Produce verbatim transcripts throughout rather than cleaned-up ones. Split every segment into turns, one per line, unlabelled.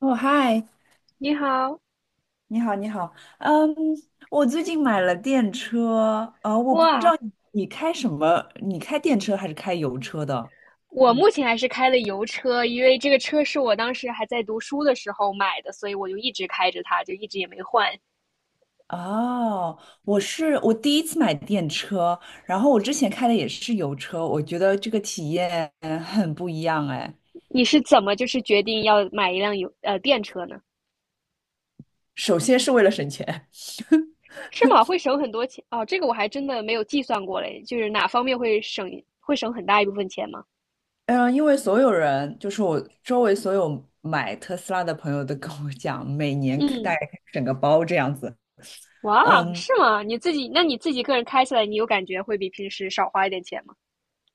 哦，嗨，
你好。
你好，你好，嗯，我最近买了电车，呃，我不知道
哇，
你开什么，你开电车还是开油车的？
我
嗯，
目前还是开的油车，因为这个车是我当时还在读书的时候买的，所以我就一直开着它，就一直也没换。
哦，我是我第一次买电车，然后我之前开的也是油车，我觉得这个体验很不一样哎。
你是怎么就是决定要买一辆油呃电车呢？
首先是为了省钱，
是吗？会省很多钱哦，这个我还真的没有计算过嘞，就是哪方面会省会省很大一部分钱吗？
嗯，呃因为所有人，就是我周围所有买特斯拉的朋友都跟我讲，每年大
嗯。
概整个包这样子，
哇，
嗯，
是吗？你自己那你自己个人开起来，你有感觉会比平时少花一点钱吗？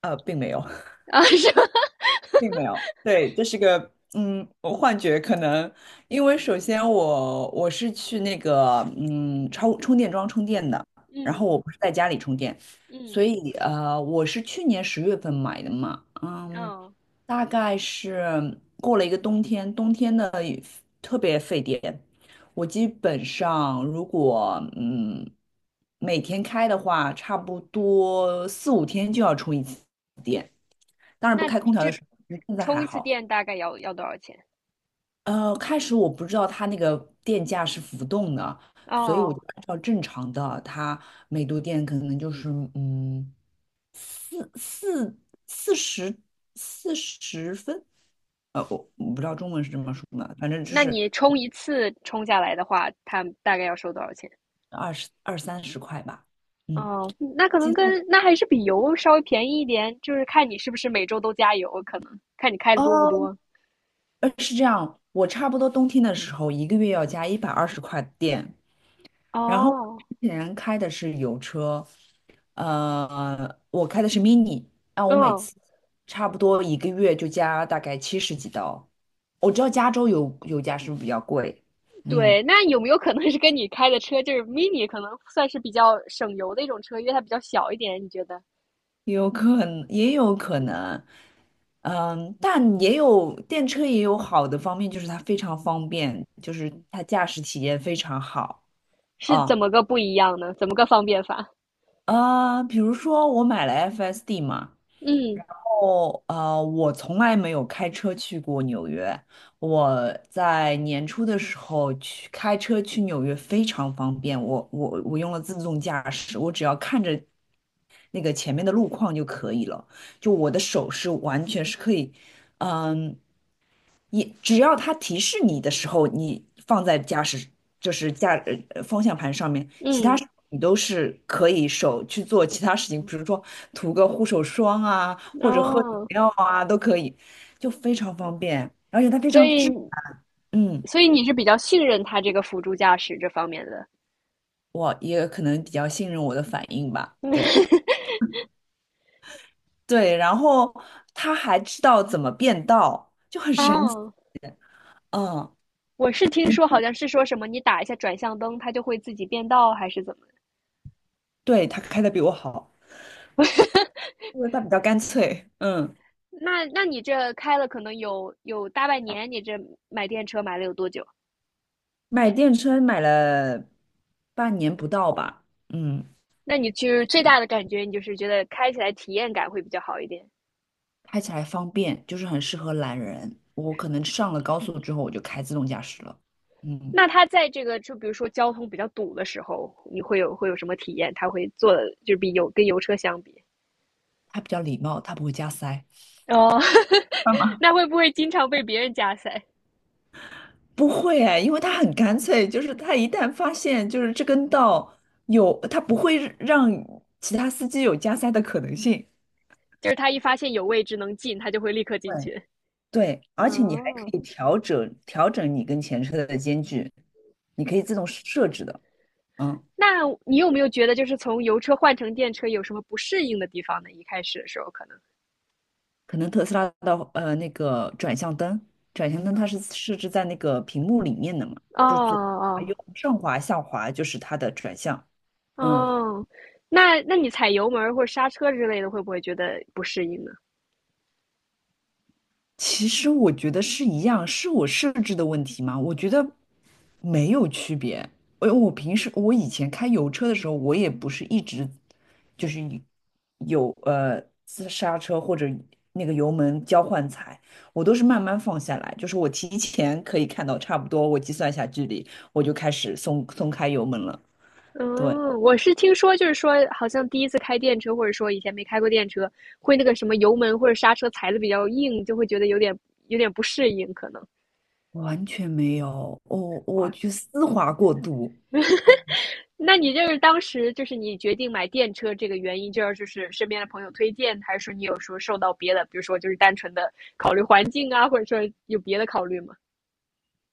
呃，并没有。
啊，是吗？
并没有，对，这是个嗯，我幻觉可能，因为首先我我是去那个嗯超充电桩充电的，然
嗯
后我不是在家里充电，所
嗯，
以呃，我是去年十月份买的嘛，嗯，
嗯。
大概是过了一个冬天，冬天呢特别费电，我基本上如果嗯每天开的话，差不多四五天就要充一次电。当然不
那
开空调的
这
时候，现在
充
还
一次
好。
电大概要要多少钱？
呃，开始我不知道它那个电价是浮动的，所以我
哦，
就按照正常的，它每度电可能就是嗯四四四十四十分，呃，我我不知道中文是这么说的，反正就
那
是
你充一次充下来的话，它大概要收多少钱？
二十二三十块吧。嗯，
哦，那可
激
能
动
跟那还是比油稍微便宜一点，就是看你是不是每周都加油，可能看你开的多不
哦，
多。
呃，是这样，我差不多冬天的时候一个月要加一百二十块电，然后
哦，
之前开的是油车，呃，我开的是 mini，那我每
嗯，
次差不多一个月就加大概七十几刀。我知道加州油油价是不是比较贵？嗯，
对，那有没有可能是跟你开的车就是 mini,可能算是比较省油的一种车，因为它比较小一点，你觉得
有可能，也有可能，嗯，但也有电车也有好的方面，就是它非常方便，就是它驾驶体验非常好
是怎
啊。
么个不一样呢？怎么个方便法？
呃，比如说我买了 F S D 嘛。
嗯
哦，呃，我从来没有开车去过纽约。我在年初的时候去开车去纽约非常方便，我我我用了自动驾驶，我只要看着那个前面的路况就可以了。就我的手是完全是可以，嗯，也只要它提示你的时候，你放在驾驶就是驾呃呃方向盘上面，
嗯，
你都是可以手去做其他事情，比如说涂个护手霜啊，或者喝饮
哦，
料啊，都可以，就非常方便，而且它非
所
常
以
智，嗯，
所以你是比较信任他这个辅助驾驶这方面的。
我也可能比较信任我的反应吧，对对，然后他还知道怎么变道，就很
哦，
神奇，
oh,
嗯，
我是听
你
说好像是说什么你打一下转向灯，它就会自己变道，还是怎么
对他开的比我好，因为他比较干脆，嗯，
那那你这开了可能有有大半年，你这买电车买了有多久？
买电车买了半年不到吧，嗯。
那你就是最大的感觉，你就是觉得开起来体验感会比较好一点。
开起来方便，就是很适合懒人。我可能上了高速之后，我就开自动驾驶了。嗯，
那它在这个就比如说交通比较堵的时候，你会有会有什么体验？它会做的就是比油跟油车相比。
它比较礼貌，它不会加塞。
哦，oh,
干 嘛？
那会不会经常被别人加塞？
不会哎，因为它很干脆，就是它一旦发现就是这根道有，它不会让其他司机有加塞的可能性。
就是他一发现有位置能进，他就会立刻进
对，
去。
对，而且你还可
哦，
以调整调整你跟前车的间距，你可以自动设置的。嗯。
那你有没有觉得就是从油车换成电车有什么不适应的地方呢？一开始的时候可能。
可能特斯拉的呃那个转向灯，转向灯它是设置在那个屏幕里面的嘛，
哦
就是左滑
哦
右上滑下滑就是它的转向，嗯。
哦，那那你踩油门儿或者刹车之类的，会不会觉得不适应呢？
其实我觉得是一样，是我设置的问题吗？我觉得没有区别。我我平时我以前开油车的时候，我也不是一直就是一有呃自刹车或者那个油门交换踩，我都是慢慢放下来，就是我提前可以看到差不多，我计算一下距离，我就开始松松开油门了。对，
嗯，我是听说，就是说，好像第一次开电车，或者说以前没开过电车，会那个什么油门或者刹车踩的比较硬，就会觉得有点有点不适应，可能。
完全没有，我我
哇，
去丝滑过度。
那你就是当时就是你决定买电车这个原因，就是就是身边的朋友推荐，还是说你有时候受到别的，比如说就是单纯的考虑环境啊，或者说有别的考虑吗？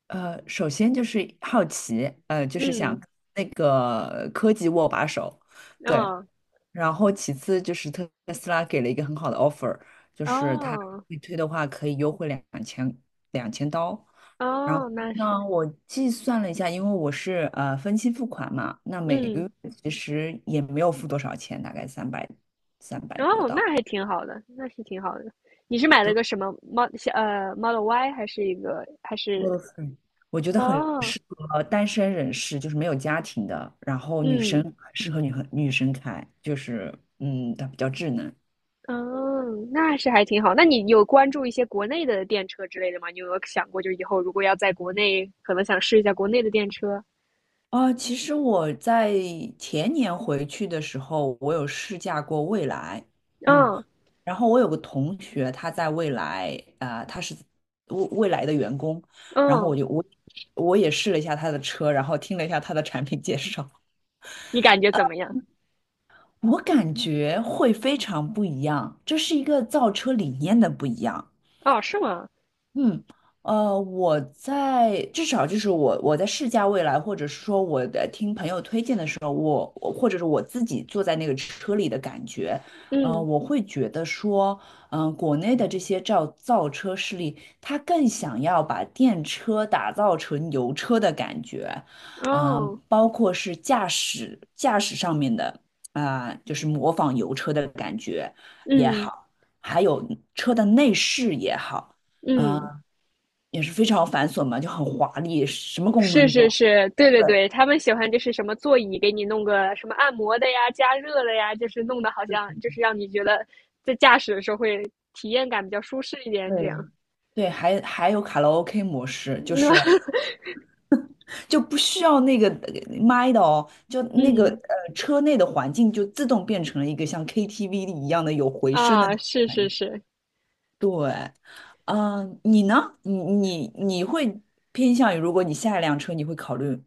呃，首先就是好奇，呃，就是想
嗯，
那个科技握把手，对。
哦
然后其次就是特斯拉给了一个很好的 offer，就是它
哦，
预推的话可以优惠两千两千刀。然后
哦，那
呢，
是，
我计算了一下，因为我是呃分期付款嘛，那每个
嗯，
月其实也没有付多少钱，大概三百三百多
哦，那
刀。
还挺好的，那是挺好的。你是买了个什么 Mod e l 呃 Model Y 还是一个还是
哇塞，我觉得很
哦，
适合单身人士，就是没有家庭的，然后女生
嗯。
很适合女很女生开，就是嗯，它比较智能。
嗯，那是还挺好。那你有关注一些国内的电车之类的吗？你有没有想过，就以后如果要在国内，可能想试一下国内的电车？
啊。其实我在前年回去的时候，我有试驾过蔚来，嗯，
嗯
然后我有个同学，他在蔚来，啊、他是蔚蔚来的员工，然后
嗯，
我就我我也试了一下他的车，然后听了一下他的产品介绍，
你感觉怎么样？
我感觉会非常不一样，这是一个造车理念的不一样。
哦，是吗？
嗯，呃，我在至少就是我我在试驾未来，或者是说我的听朋友推荐的时候，我我或者是我自己坐在那个车里的感觉，呃，
嗯，
我会觉得说，嗯、国内的这些造造车势力，他更想要把电车打造成油车的感觉，嗯、
哦，
包括是驾驶驾驶上面的啊、就是模仿油车的感觉也
嗯
好，还有车的内饰也好。呃
嗯，
也是非常繁琐嘛，就很华丽，什么功
是
能都
是
有
是，对对
对
对，他们喜欢就是什么座椅给你弄个什么按摩的呀、加热的呀，就是弄的好像就是让你觉得在驾驶的时候会体验感比较舒适一点，这
对
样。
对，还还有卡拉 OK 模式，就是 就不需要那个呃麦的哦，就那个
嗯
呃车内的环境就自动变成了一个像 K T V 一样的有回声的那
啊，
种
是
感
是
觉
是，
对，嗯、你呢？你你你会偏向于，如果你下一辆车，你会考虑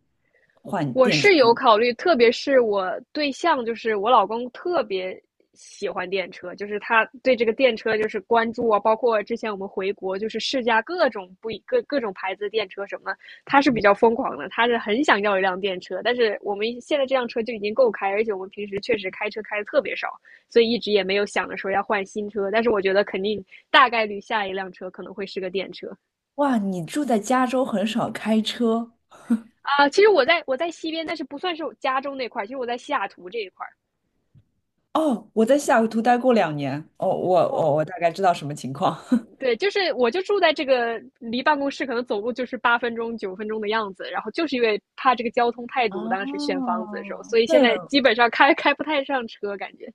换
我
电池
是
吗？
有考虑，特别是我对象，就是我老公，特别喜欢电车，就是他对这个电车就是关注啊，包括之前我们回国，就是试驾各种不一各各种牌子的电车什么的，他是比较疯狂的，他是很想要一辆电车，但是我们现在这辆车就已经够开，而且我们平时确实开车开的特别少，所以一直也没有想着说要换新车，但是我觉得肯定大概率下一辆车可能会是个电车。
哇，你住在加州，很少开车，
啊、呃其实我在我在西边，但是不算是我家中那块儿，其实我在西雅图这一块儿。
哦，我在西雅图待过两年，哦，我我我大概知道什么情况。
对，就是我就住在这个离办公室可能走路就是八分钟、九分钟的样子，然后就是因为怕这个交通太堵，当时选房
哦，
子的时候，所以现
对
在
了，
基本上开开不太上车，感觉。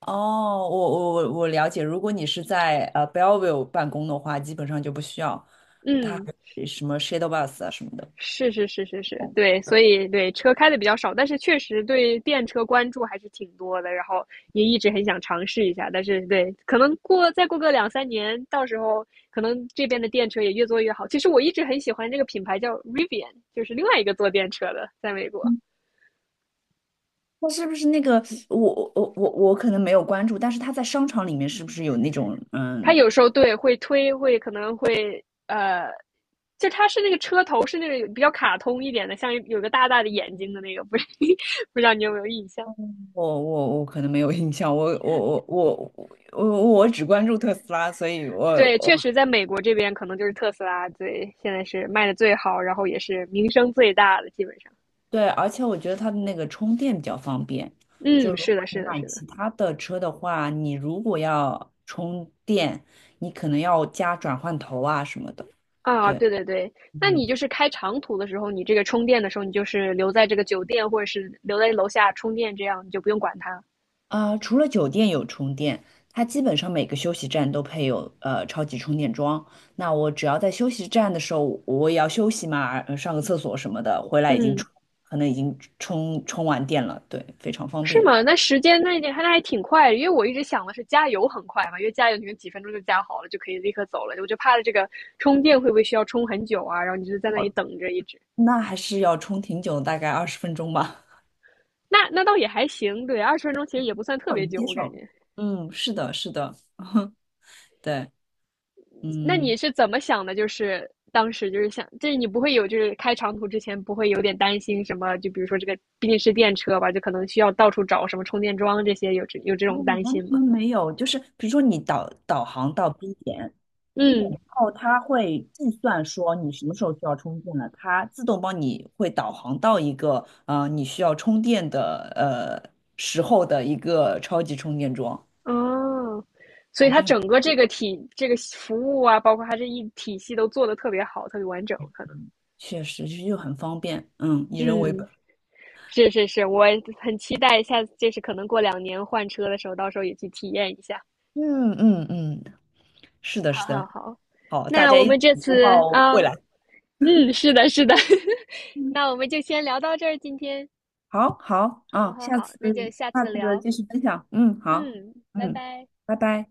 哦，我我我我了解。如果你是在呃 Bellevue 办公的话，基本上就不需要它还
嗯，
有什么 shuttle bus 啊什么的。
是是是是是，对，所以对车开的比较少，但是确实对电车关注还是挺多的，然后也一直很想尝试一下，但是对，可能过再过个两三年，到时候可能这边的电车也越做越好。其实我一直很喜欢这个品牌叫 Rivian,就是另外一个做电车的，在美国。
嗯那是不是那个我我我我我可能没有关注，但是他在商场里面是不是有那种
它
嗯？
有时候对会推，会可能会呃，就它是那个车头是那种比较卡通一点的，像有个大大的眼睛的那个，不 是不知道你有没有印象？
我我我可能没有印象，我我我我我我只关注特斯拉，所以我
对，确
我
实在美国这边可能就是特斯拉最现在是卖的最好，然后也是名声最大的，基本上。
对，而且我觉得它的那个充电比较方便。就
嗯，
如
是
果
的，
你
是的，
买
是的。
其他的车的话，你如果要充电，你可能要加转换头啊什么的。
啊，
对，
对对对，那
嗯，
你就是开长途的时候，你这个充电的时候，你就是留在这个酒店或者是留在楼下充电，这样你就不用管它。
啊、除了酒店有充电，它基本上每个休息站都配有呃超级充电桩。那我只要在休息站的时候，我也要休息嘛，呃上个厕所什么的，回来已经
嗯，
充，可能已经充充完电了。对，非常方
是
便。
吗？那时间那那还那还挺快，因为我一直想的是加油很快嘛，因为加油你们几分钟就加好了，就可以立刻走了。我就怕了这个充电会不会需要充很久啊？然后你就在那里
哦，
等着一直。
那还是要充挺久，大概二十分钟吧。
那那倒也还行，对，二十分钟其实也不算特
我
别
能
久，
接
我感
受。
觉。
嗯，是的，是的，对，
那
嗯，
你是怎么想的？就是当时就是想，就是你不会有就是开长途之前不会有点担心什么？就比如说这个毕竟是电车吧，就可能需要到处找什么充电桩这些，有这有这
哦，
种担
完
心
全
吗？
没有，就是比如说你导导航到 B 点，B 点
嗯
之后它会计算说你什么时候需要充电了，它自动帮你会导航到一个呃你需要充电的呃时候的一个超级充电桩，
哦，所以
还
它
是很
整个这个体这个服务啊，包括它这一体系都做的特别好，特别完整，可能。
确实是又很方便，嗯，以人为
嗯，
本，
是是是，我很期待下次，就是可能过两年换车的时候，到时候也去体验一下。
嗯嗯嗯，是的，
好
是的，
好好，
好，大
那
家
我
一
们
起
这
拥
次
抱
啊，
未来。
嗯，是的，是的，那我们就先聊到这儿，今天。
好好
好
啊，
好
下
好，
次
那就下
下
次
次
聊。
继续分享。嗯，好，
嗯，拜
嗯，
拜。
拜拜。